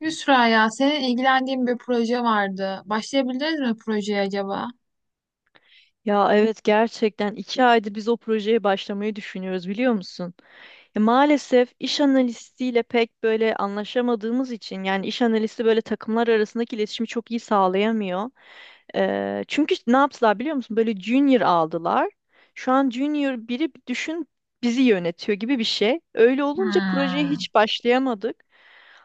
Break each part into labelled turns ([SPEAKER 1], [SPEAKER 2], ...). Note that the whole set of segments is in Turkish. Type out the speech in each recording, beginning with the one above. [SPEAKER 1] Yusra ya senin ilgilendiğin bir proje vardı. Başlayabiliriz mi projeye acaba?
[SPEAKER 2] Ya evet gerçekten 2 aydır biz o projeye başlamayı düşünüyoruz biliyor musun? Ya maalesef iş analistiyle pek böyle anlaşamadığımız için yani iş analisti böyle takımlar arasındaki iletişimi çok iyi sağlayamıyor. Çünkü ne yaptılar biliyor musun? Böyle junior aldılar. Şu an junior biri düşün bizi yönetiyor gibi bir şey. Öyle olunca projeye
[SPEAKER 1] Hmm.
[SPEAKER 2] hiç başlayamadık.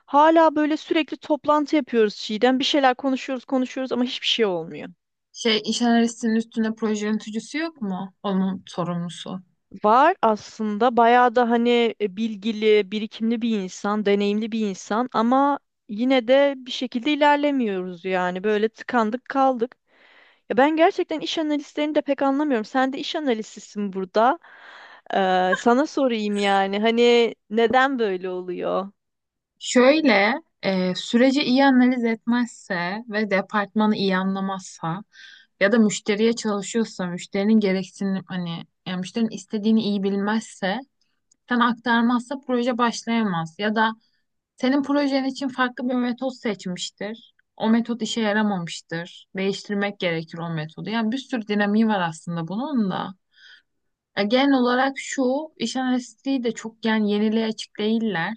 [SPEAKER 2] Hala böyle sürekli toplantı yapıyoruz Çiğdem. Bir şeyler konuşuyoruz konuşuyoruz ama hiçbir şey olmuyor.
[SPEAKER 1] Şey iş analistinin üstünde proje yöneticisi yok mu? Onun sorumlusu.
[SPEAKER 2] Var aslında bayağı da hani bilgili, birikimli bir insan, deneyimli bir insan ama yine de bir şekilde ilerlemiyoruz yani böyle tıkandık kaldık. Ya ben gerçekten iş analistlerini de pek anlamıyorum. Sen de iş analistisin burada. Sana sorayım yani hani neden böyle oluyor?
[SPEAKER 1] Şöyle, süreci iyi analiz etmezse ve departmanı iyi anlamazsa ya da müşteriye çalışıyorsa, müşterinin gereksinim hani yani müşterinin istediğini iyi bilmezse, sen aktarmazsa proje başlayamaz. Ya da senin projen için farklı bir metot seçmiştir. O metot işe yaramamıştır. Değiştirmek gerekir o metodu. Yani bir sürü dinamiği var aslında bunun da. Ya genel olarak şu, iş analistliği de çok yani yeniliğe açık değiller.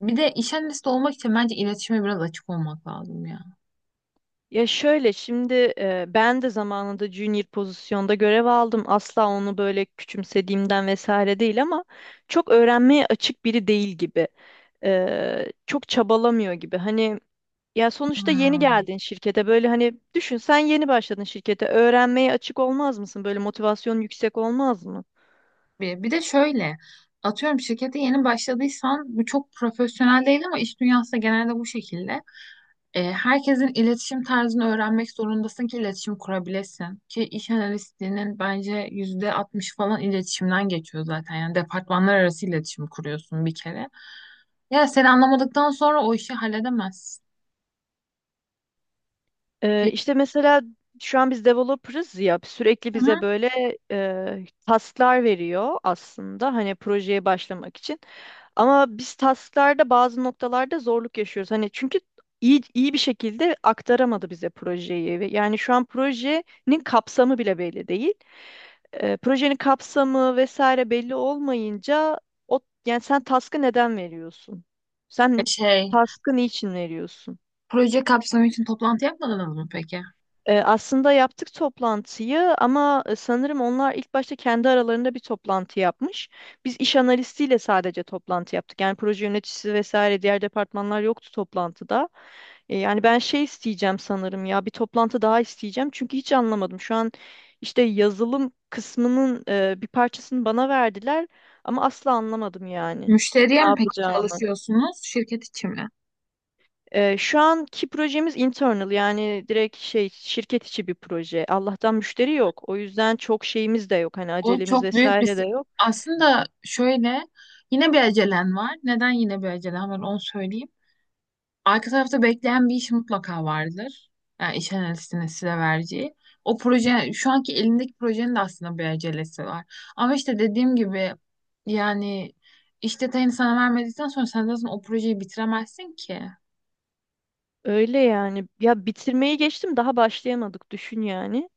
[SPEAKER 1] Bir de iş analisti olmak için bence iletişime biraz açık olmak lazım ya.
[SPEAKER 2] Ya şöyle şimdi ben de zamanında junior pozisyonda görev aldım. Asla onu böyle küçümsediğimden vesaire değil ama çok öğrenmeye açık biri değil gibi. Çok çabalamıyor gibi. Hani ya sonuçta yeni
[SPEAKER 1] Hmm.
[SPEAKER 2] geldin şirkete böyle hani düşün sen yeni başladın şirkete öğrenmeye açık olmaz mısın? Böyle motivasyon yüksek olmaz mı?
[SPEAKER 1] Bir de şöyle, atıyorum şirkete yeni başladıysan bu çok profesyonel değil ama iş dünyası da genelde bu şekilde. Herkesin iletişim tarzını öğrenmek zorundasın ki iletişim kurabilesin. Ki iş analistliğinin bence yüzde 60 falan iletişimden geçiyor zaten. Yani departmanlar arası iletişim kuruyorsun bir kere. Ya seni anlamadıktan sonra o işi halledemezsin. Bir-
[SPEAKER 2] İşte mesela şu an biz developer'ız ya sürekli
[SPEAKER 1] Hı hı.
[SPEAKER 2] bize böyle task'lar veriyor aslında hani projeye başlamak için. Ama biz task'larda bazı noktalarda zorluk yaşıyoruz. Hani çünkü iyi bir şekilde aktaramadı bize projeyi. Ve yani şu an projenin kapsamı bile belli değil. Projenin kapsamı vesaire belli olmayınca o yani sen task'ı neden veriyorsun?
[SPEAKER 1] E,
[SPEAKER 2] Sen
[SPEAKER 1] Şey,
[SPEAKER 2] task'ı niçin veriyorsun?
[SPEAKER 1] Proje kapsamı için toplantı yapmadınız mı peki?
[SPEAKER 2] Aslında yaptık toplantıyı ama sanırım onlar ilk başta kendi aralarında bir toplantı yapmış. Biz iş analistiyle sadece toplantı yaptık. Yani proje yöneticisi vesaire diğer departmanlar yoktu toplantıda. Yani ben şey isteyeceğim sanırım ya bir toplantı daha isteyeceğim. Çünkü hiç anlamadım. Şu an işte yazılım kısmının bir parçasını bana verdiler ama asla anlamadım yani.
[SPEAKER 1] Müşteriye
[SPEAKER 2] Ne
[SPEAKER 1] mi peki
[SPEAKER 2] yapacağımı.
[SPEAKER 1] çalışıyorsunuz, şirket içi mi?
[SPEAKER 2] Şu anki projemiz internal yani direkt şey şirket içi bir proje. Allah'tan müşteri yok. O yüzden çok şeyimiz de yok. Hani
[SPEAKER 1] O
[SPEAKER 2] acelemiz
[SPEAKER 1] çok büyük bir...
[SPEAKER 2] vesaire de yok.
[SPEAKER 1] Aslında şöyle, yine bir acelen var. Neden yine bir acelen var onu söyleyeyim. Arka tarafta bekleyen bir iş mutlaka vardır. Yani iş analistinin size vereceği. O proje, şu anki elindeki projenin de aslında bir acelesi var. Ama işte dediğim gibi yani iş detayını sana vermedikten sonra sen zaten o projeyi bitiremezsin ki.
[SPEAKER 2] Öyle yani. Ya bitirmeyi geçtim daha başlayamadık düşün yani.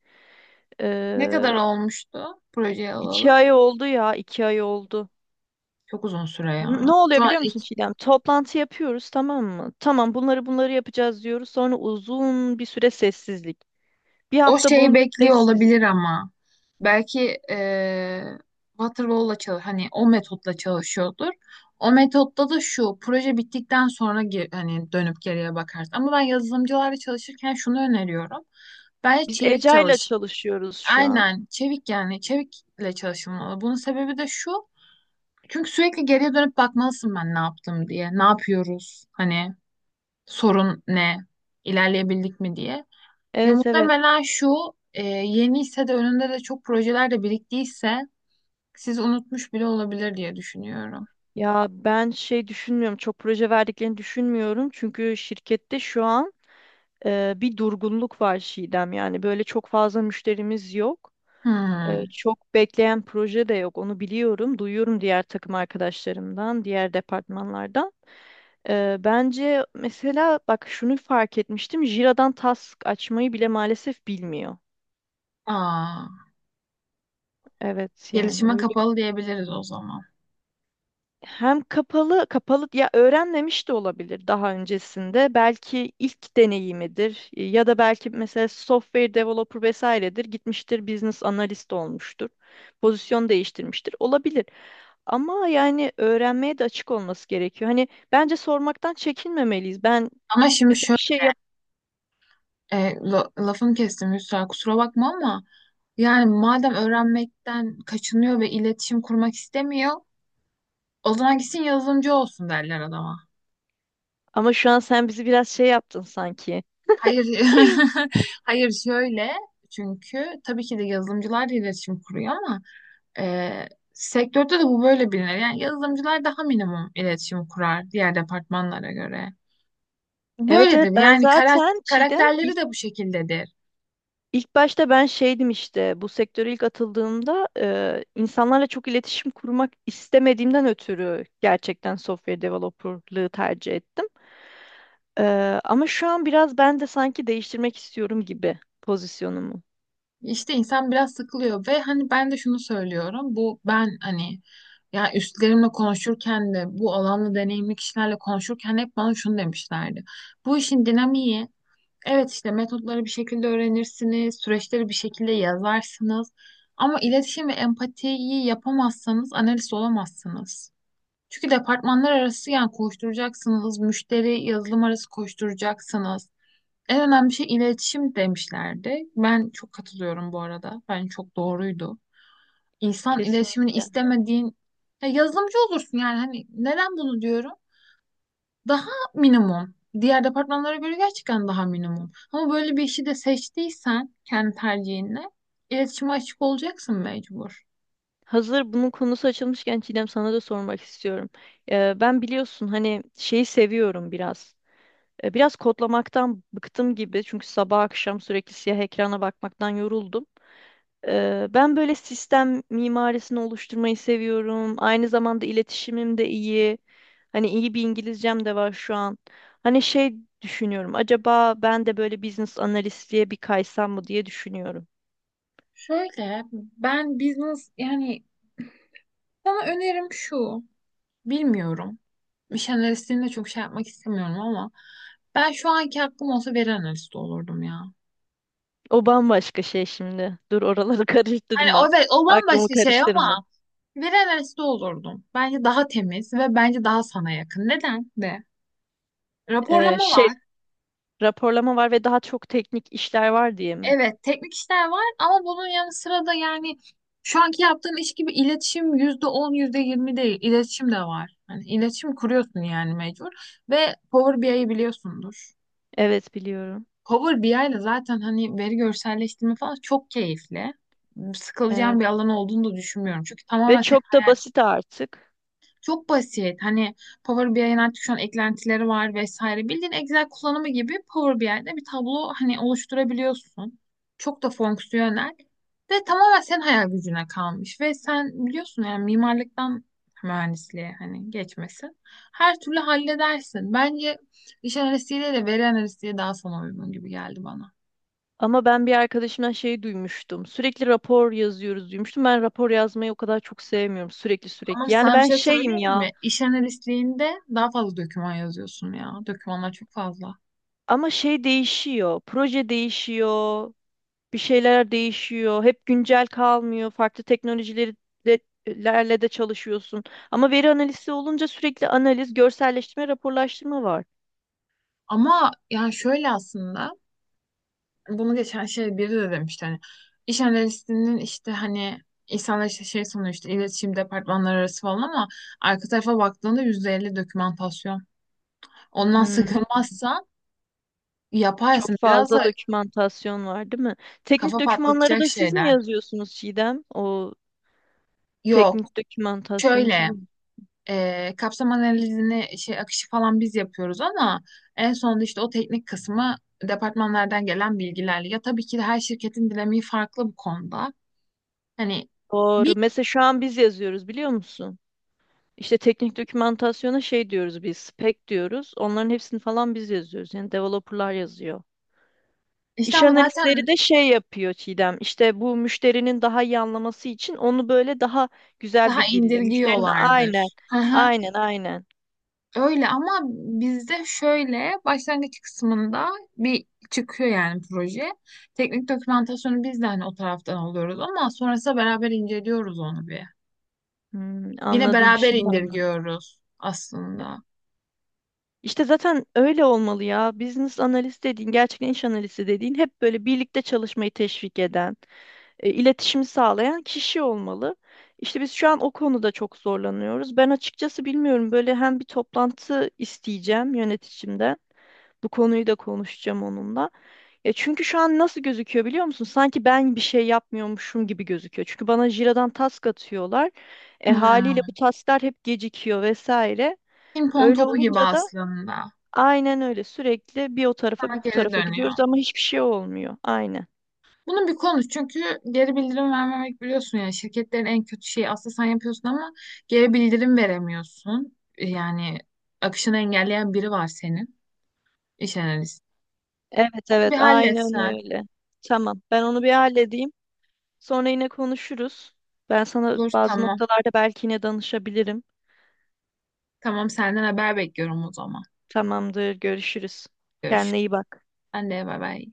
[SPEAKER 1] Ne kadar
[SPEAKER 2] Ee,
[SPEAKER 1] olmuştu projeyi
[SPEAKER 2] iki
[SPEAKER 1] alalım?
[SPEAKER 2] ay oldu ya 2 ay oldu.
[SPEAKER 1] Çok uzun süre ya.
[SPEAKER 2] Ne
[SPEAKER 1] Şu
[SPEAKER 2] oluyor
[SPEAKER 1] an
[SPEAKER 2] biliyor musun Çiğdem? Toplantı yapıyoruz tamam mı? Tamam bunları bunları yapacağız diyoruz. Sonra uzun bir süre sessizlik. Bir
[SPEAKER 1] o
[SPEAKER 2] hafta
[SPEAKER 1] şeyi
[SPEAKER 2] boyunca
[SPEAKER 1] bekliyor
[SPEAKER 2] sessizlik.
[SPEAKER 1] olabilir ama. Belki Waterfall'la çalış hani o metotla çalışıyordur. O metotta da şu proje bittikten sonra hani dönüp geriye bakarsın. Ama ben yazılımcılarla çalışırken şunu öneriyorum. Bence
[SPEAKER 2] Biz
[SPEAKER 1] çevik
[SPEAKER 2] Eca'yla ile
[SPEAKER 1] çalış.
[SPEAKER 2] çalışıyoruz şu an.
[SPEAKER 1] Aynen çevik yani çevikle çalışılmalı. Bunun sebebi de şu. Çünkü sürekli geriye dönüp bakmalısın ben ne yaptım diye. Ne yapıyoruz? Hani sorun ne? İlerleyebildik mi diye. Ya
[SPEAKER 2] Evet, evet.
[SPEAKER 1] muhtemelen şu yeni ise de önünde de çok projeler de biriktiyse siz unutmuş bile olabilir diye düşünüyorum.
[SPEAKER 2] Ya ben şey düşünmüyorum. Çok proje verdiklerini düşünmüyorum. Çünkü şirkette şu an bir durgunluk var Çiğdem. Yani böyle çok fazla müşterimiz yok.
[SPEAKER 1] Hmm.
[SPEAKER 2] Çok bekleyen proje de yok. Onu biliyorum. Duyuyorum diğer takım arkadaşlarımdan, diğer departmanlardan. Bence mesela bak şunu fark etmiştim. Jira'dan task açmayı bile maalesef bilmiyor.
[SPEAKER 1] Aa,
[SPEAKER 2] Evet yani
[SPEAKER 1] gelişime
[SPEAKER 2] öyle.
[SPEAKER 1] kapalı diyebiliriz o zaman.
[SPEAKER 2] Hem kapalı kapalı ya öğrenmemiş de olabilir daha öncesinde. Belki ilk deneyimidir ya da belki mesela software developer vesairedir. Gitmiştir business analist olmuştur. Pozisyon değiştirmiştir. Olabilir. Ama yani öğrenmeye de açık olması gerekiyor. Hani bence sormaktan çekinmemeliyiz. Ben
[SPEAKER 1] Ama şimdi
[SPEAKER 2] mesela bir
[SPEAKER 1] şöyle
[SPEAKER 2] şey yap
[SPEAKER 1] lafını kestim Yusra, kusura bakma ama yani madem öğrenmekten kaçınıyor ve iletişim kurmak istemiyor o zaman gitsin yazılımcı olsun derler adama.
[SPEAKER 2] ama şu an sen bizi biraz şey yaptın sanki.
[SPEAKER 1] Hayır hayır şöyle, çünkü tabii ki de yazılımcılar da iletişim kuruyor ama Ee, sektörde de bu böyle bilinir. Yani yazılımcılar daha minimum iletişim kurar diğer departmanlara göre.
[SPEAKER 2] Evet, evet
[SPEAKER 1] Böyledir.
[SPEAKER 2] ben
[SPEAKER 1] Yani
[SPEAKER 2] zaten Çiğdem
[SPEAKER 1] karakterleri
[SPEAKER 2] ilk,
[SPEAKER 1] de bu şekildedir.
[SPEAKER 2] ilk başta ben şeydim işte bu sektöre ilk atıldığımda insanlarla çok iletişim kurmak istemediğimden ötürü gerçekten software developerlığı tercih ettim. E, Ama şu an biraz ben de sanki değiştirmek istiyorum gibi pozisyonumu.
[SPEAKER 1] İşte insan biraz sıkılıyor ve hani ben de şunu söylüyorum. Bu ben hani ya üstlerimle konuşurken de bu alanla deneyimli kişilerle konuşurken hep bana şunu demişlerdi. Bu işin dinamiği evet işte metotları bir şekilde öğrenirsiniz, süreçleri bir şekilde yazarsınız. Ama iletişim ve empatiyi yapamazsanız analist olamazsınız. Çünkü departmanlar arası yani koşturacaksınız, müşteri yazılım arası koşturacaksınız. En önemli şey iletişim demişlerdi. Ben çok katılıyorum bu arada. Bence çok doğruydu. İnsan iletişimini
[SPEAKER 2] Kesinlikle.
[SPEAKER 1] istemediğin ya yazılımcı olursun yani hani neden bunu diyorum? Daha minimum. Diğer departmanlara göre gerçekten daha minimum. Ama böyle bir işi de seçtiysen kendi tercihinle iletişime açık olacaksın mecbur.
[SPEAKER 2] Hazır bunun konusu açılmışken Çiğdem sana da sormak istiyorum. Ben biliyorsun hani şeyi seviyorum biraz. Biraz kodlamaktan bıktım gibi çünkü sabah akşam sürekli siyah ekrana bakmaktan yoruldum. Ben böyle sistem mimarisini oluşturmayı seviyorum. Aynı zamanda iletişimim de iyi. Hani iyi bir İngilizcem de var şu an. Hani şey düşünüyorum. Acaba ben de böyle business analistliğe bir kaysam mı diye düşünüyorum.
[SPEAKER 1] Şöyle ben business yani sana önerim şu. Bilmiyorum. İş analistliğini de çok şey yapmak istemiyorum ama ben şu anki hakkım olsa veri analisti olurdum ya.
[SPEAKER 2] O bambaşka şey şimdi. Dur oraları
[SPEAKER 1] Hani
[SPEAKER 2] karıştırma.
[SPEAKER 1] o, evet, o
[SPEAKER 2] Aklımı
[SPEAKER 1] bambaşka şey
[SPEAKER 2] karıştırma.
[SPEAKER 1] ama veri analisti olurdum. Bence daha temiz ve bence daha sana yakın. Neden de?
[SPEAKER 2] Ee,
[SPEAKER 1] Raporlama
[SPEAKER 2] şey
[SPEAKER 1] var.
[SPEAKER 2] Raporlama var ve daha çok teknik işler var diye mi?
[SPEAKER 1] Evet, teknik işler var ama bunun yanı sıra da yani şu anki yaptığım iş gibi iletişim yüzde on, yüzde yirmi değil, iletişim de var. Hani iletişim kuruyorsun yani mecbur ve Power BI'yi biliyorsundur.
[SPEAKER 2] Evet biliyorum.
[SPEAKER 1] Power BI ile zaten hani veri görselleştirme falan çok keyifli. Sıkılacağım
[SPEAKER 2] Evet.
[SPEAKER 1] bir alan olduğunu da düşünmüyorum. Çünkü
[SPEAKER 2] Ve
[SPEAKER 1] tamamen
[SPEAKER 2] çok da basit artık.
[SPEAKER 1] çok basit. Hani Power BI'nin artık şu an eklentileri var vesaire. Bildiğin Excel kullanımı gibi Power BI'de bir tablo hani oluşturabiliyorsun. Çok da fonksiyonel. Ve tamamen senin hayal gücüne kalmış. Ve sen biliyorsun yani mimarlıktan mühendisliğe hani geçmesin. Her türlü halledersin. Bence iş analistliğiyle de veri analistliği daha sana uygun gibi geldi bana.
[SPEAKER 2] Ama ben bir arkadaşımdan şeyi duymuştum. Sürekli rapor yazıyoruz duymuştum. Ben rapor yazmayı o kadar çok sevmiyorum. Sürekli
[SPEAKER 1] Ama
[SPEAKER 2] sürekli. Yani
[SPEAKER 1] sana bir
[SPEAKER 2] ben
[SPEAKER 1] şey
[SPEAKER 2] şeyim
[SPEAKER 1] söyleyeyim
[SPEAKER 2] ya.
[SPEAKER 1] mi? İş analistliğinde daha fazla doküman yazıyorsun ya. Dokümanlar çok fazla.
[SPEAKER 2] Ama şey değişiyor. Proje değişiyor. Bir şeyler değişiyor. Hep güncel kalmıyor. Farklı teknolojileri de, lerle de çalışıyorsun. Ama veri analizi olunca sürekli analiz, görselleştirme, raporlaştırma var.
[SPEAKER 1] Ama yani şöyle aslında bunu geçen şey biri de demişti hani iş analistinin işte hani insanlar işte şey sanıyor işte iletişim departmanları arası falan ama arka tarafa baktığında %50 dokümantasyon. Ondan
[SPEAKER 2] Hmm.
[SPEAKER 1] sıkılmazsan
[SPEAKER 2] Çok
[SPEAKER 1] yaparsın. Biraz
[SPEAKER 2] fazla
[SPEAKER 1] da
[SPEAKER 2] dokümantasyon var, değil mi? Teknik
[SPEAKER 1] kafa
[SPEAKER 2] dokümanları
[SPEAKER 1] patlatacak
[SPEAKER 2] da siz mi
[SPEAKER 1] şeyler.
[SPEAKER 2] yazıyorsunuz Çiğdem? O
[SPEAKER 1] Yok.
[SPEAKER 2] teknik dokümantasyonu siz
[SPEAKER 1] Şöyle
[SPEAKER 2] mi?
[SPEAKER 1] kapsam analizini şey akışı falan biz yapıyoruz ama en sonunda işte o teknik kısmı departmanlardan gelen bilgilerle. Ya tabii ki de her şirketin dinamiği farklı bu konuda. Hani
[SPEAKER 2] Doğru.
[SPEAKER 1] bir
[SPEAKER 2] Mesela şu an biz yazıyoruz biliyor musun? İşte teknik dokümantasyona şey diyoruz biz, spec diyoruz. Onların hepsini falan biz yazıyoruz. Yani developerlar yazıyor.
[SPEAKER 1] İşte
[SPEAKER 2] İş
[SPEAKER 1] ama zaten
[SPEAKER 2] analistleri de şey yapıyor Çiğdem. İşte bu müşterinin daha iyi anlaması için onu böyle daha güzel
[SPEAKER 1] daha
[SPEAKER 2] bir dille. Müşterinin aynen,
[SPEAKER 1] indirgiyorlardır. Hı hı.
[SPEAKER 2] aynen, aynen.
[SPEAKER 1] Öyle ama bizde şöyle başlangıç kısmında bir çıkıyor yani proje. Teknik dokümantasyonu biz de hani o taraftan alıyoruz ama sonrasında beraber inceliyoruz onu bir.
[SPEAKER 2] Hmm,
[SPEAKER 1] Yine
[SPEAKER 2] anladım
[SPEAKER 1] beraber
[SPEAKER 2] şimdi anladım.
[SPEAKER 1] indirgiyoruz aslında.
[SPEAKER 2] İşte zaten öyle olmalı ya. Business analist dediğin, gerçekten iş analisti dediğin hep böyle birlikte çalışmayı teşvik eden, iletişimi sağlayan kişi olmalı. İşte biz şu an o konuda çok zorlanıyoruz. Ben açıkçası bilmiyorum böyle hem bir toplantı isteyeceğim yöneticimden. Bu konuyu da konuşacağım onunla. Ya çünkü şu an nasıl gözüküyor biliyor musun? Sanki ben bir şey yapmıyormuşum gibi gözüküyor. Çünkü bana Jira'dan task atıyorlar. Haliyle bu
[SPEAKER 1] Hmm.
[SPEAKER 2] tasklar hep gecikiyor vesaire.
[SPEAKER 1] Ping pong
[SPEAKER 2] Öyle
[SPEAKER 1] topu gibi
[SPEAKER 2] olunca da
[SPEAKER 1] aslında.
[SPEAKER 2] aynen öyle. Sürekli bir o tarafa
[SPEAKER 1] Sana
[SPEAKER 2] bir bu
[SPEAKER 1] geri
[SPEAKER 2] tarafa
[SPEAKER 1] dönüyor.
[SPEAKER 2] gidiyoruz ama hiçbir şey olmuyor. Aynen.
[SPEAKER 1] Bunu bir konuş çünkü geri bildirim vermemek biliyorsun yani şirketlerin en kötü şeyi aslında sen yapıyorsun ama geri bildirim veremiyorsun. Yani akışını engelleyen biri var senin, iş analisti.
[SPEAKER 2] Evet,
[SPEAKER 1] Onu
[SPEAKER 2] evet
[SPEAKER 1] bir
[SPEAKER 2] aynen
[SPEAKER 1] halletsen.
[SPEAKER 2] öyle. Tamam. Ben onu bir halledeyim. Sonra yine konuşuruz. Ben sana
[SPEAKER 1] Olur,
[SPEAKER 2] bazı
[SPEAKER 1] tamam.
[SPEAKER 2] noktalarda belki yine danışabilirim.
[SPEAKER 1] Tamam, senden haber bekliyorum o zaman.
[SPEAKER 2] Tamamdır. Görüşürüz.
[SPEAKER 1] Görüşürüz.
[SPEAKER 2] Kendine iyi bak.
[SPEAKER 1] Ben de bay bay.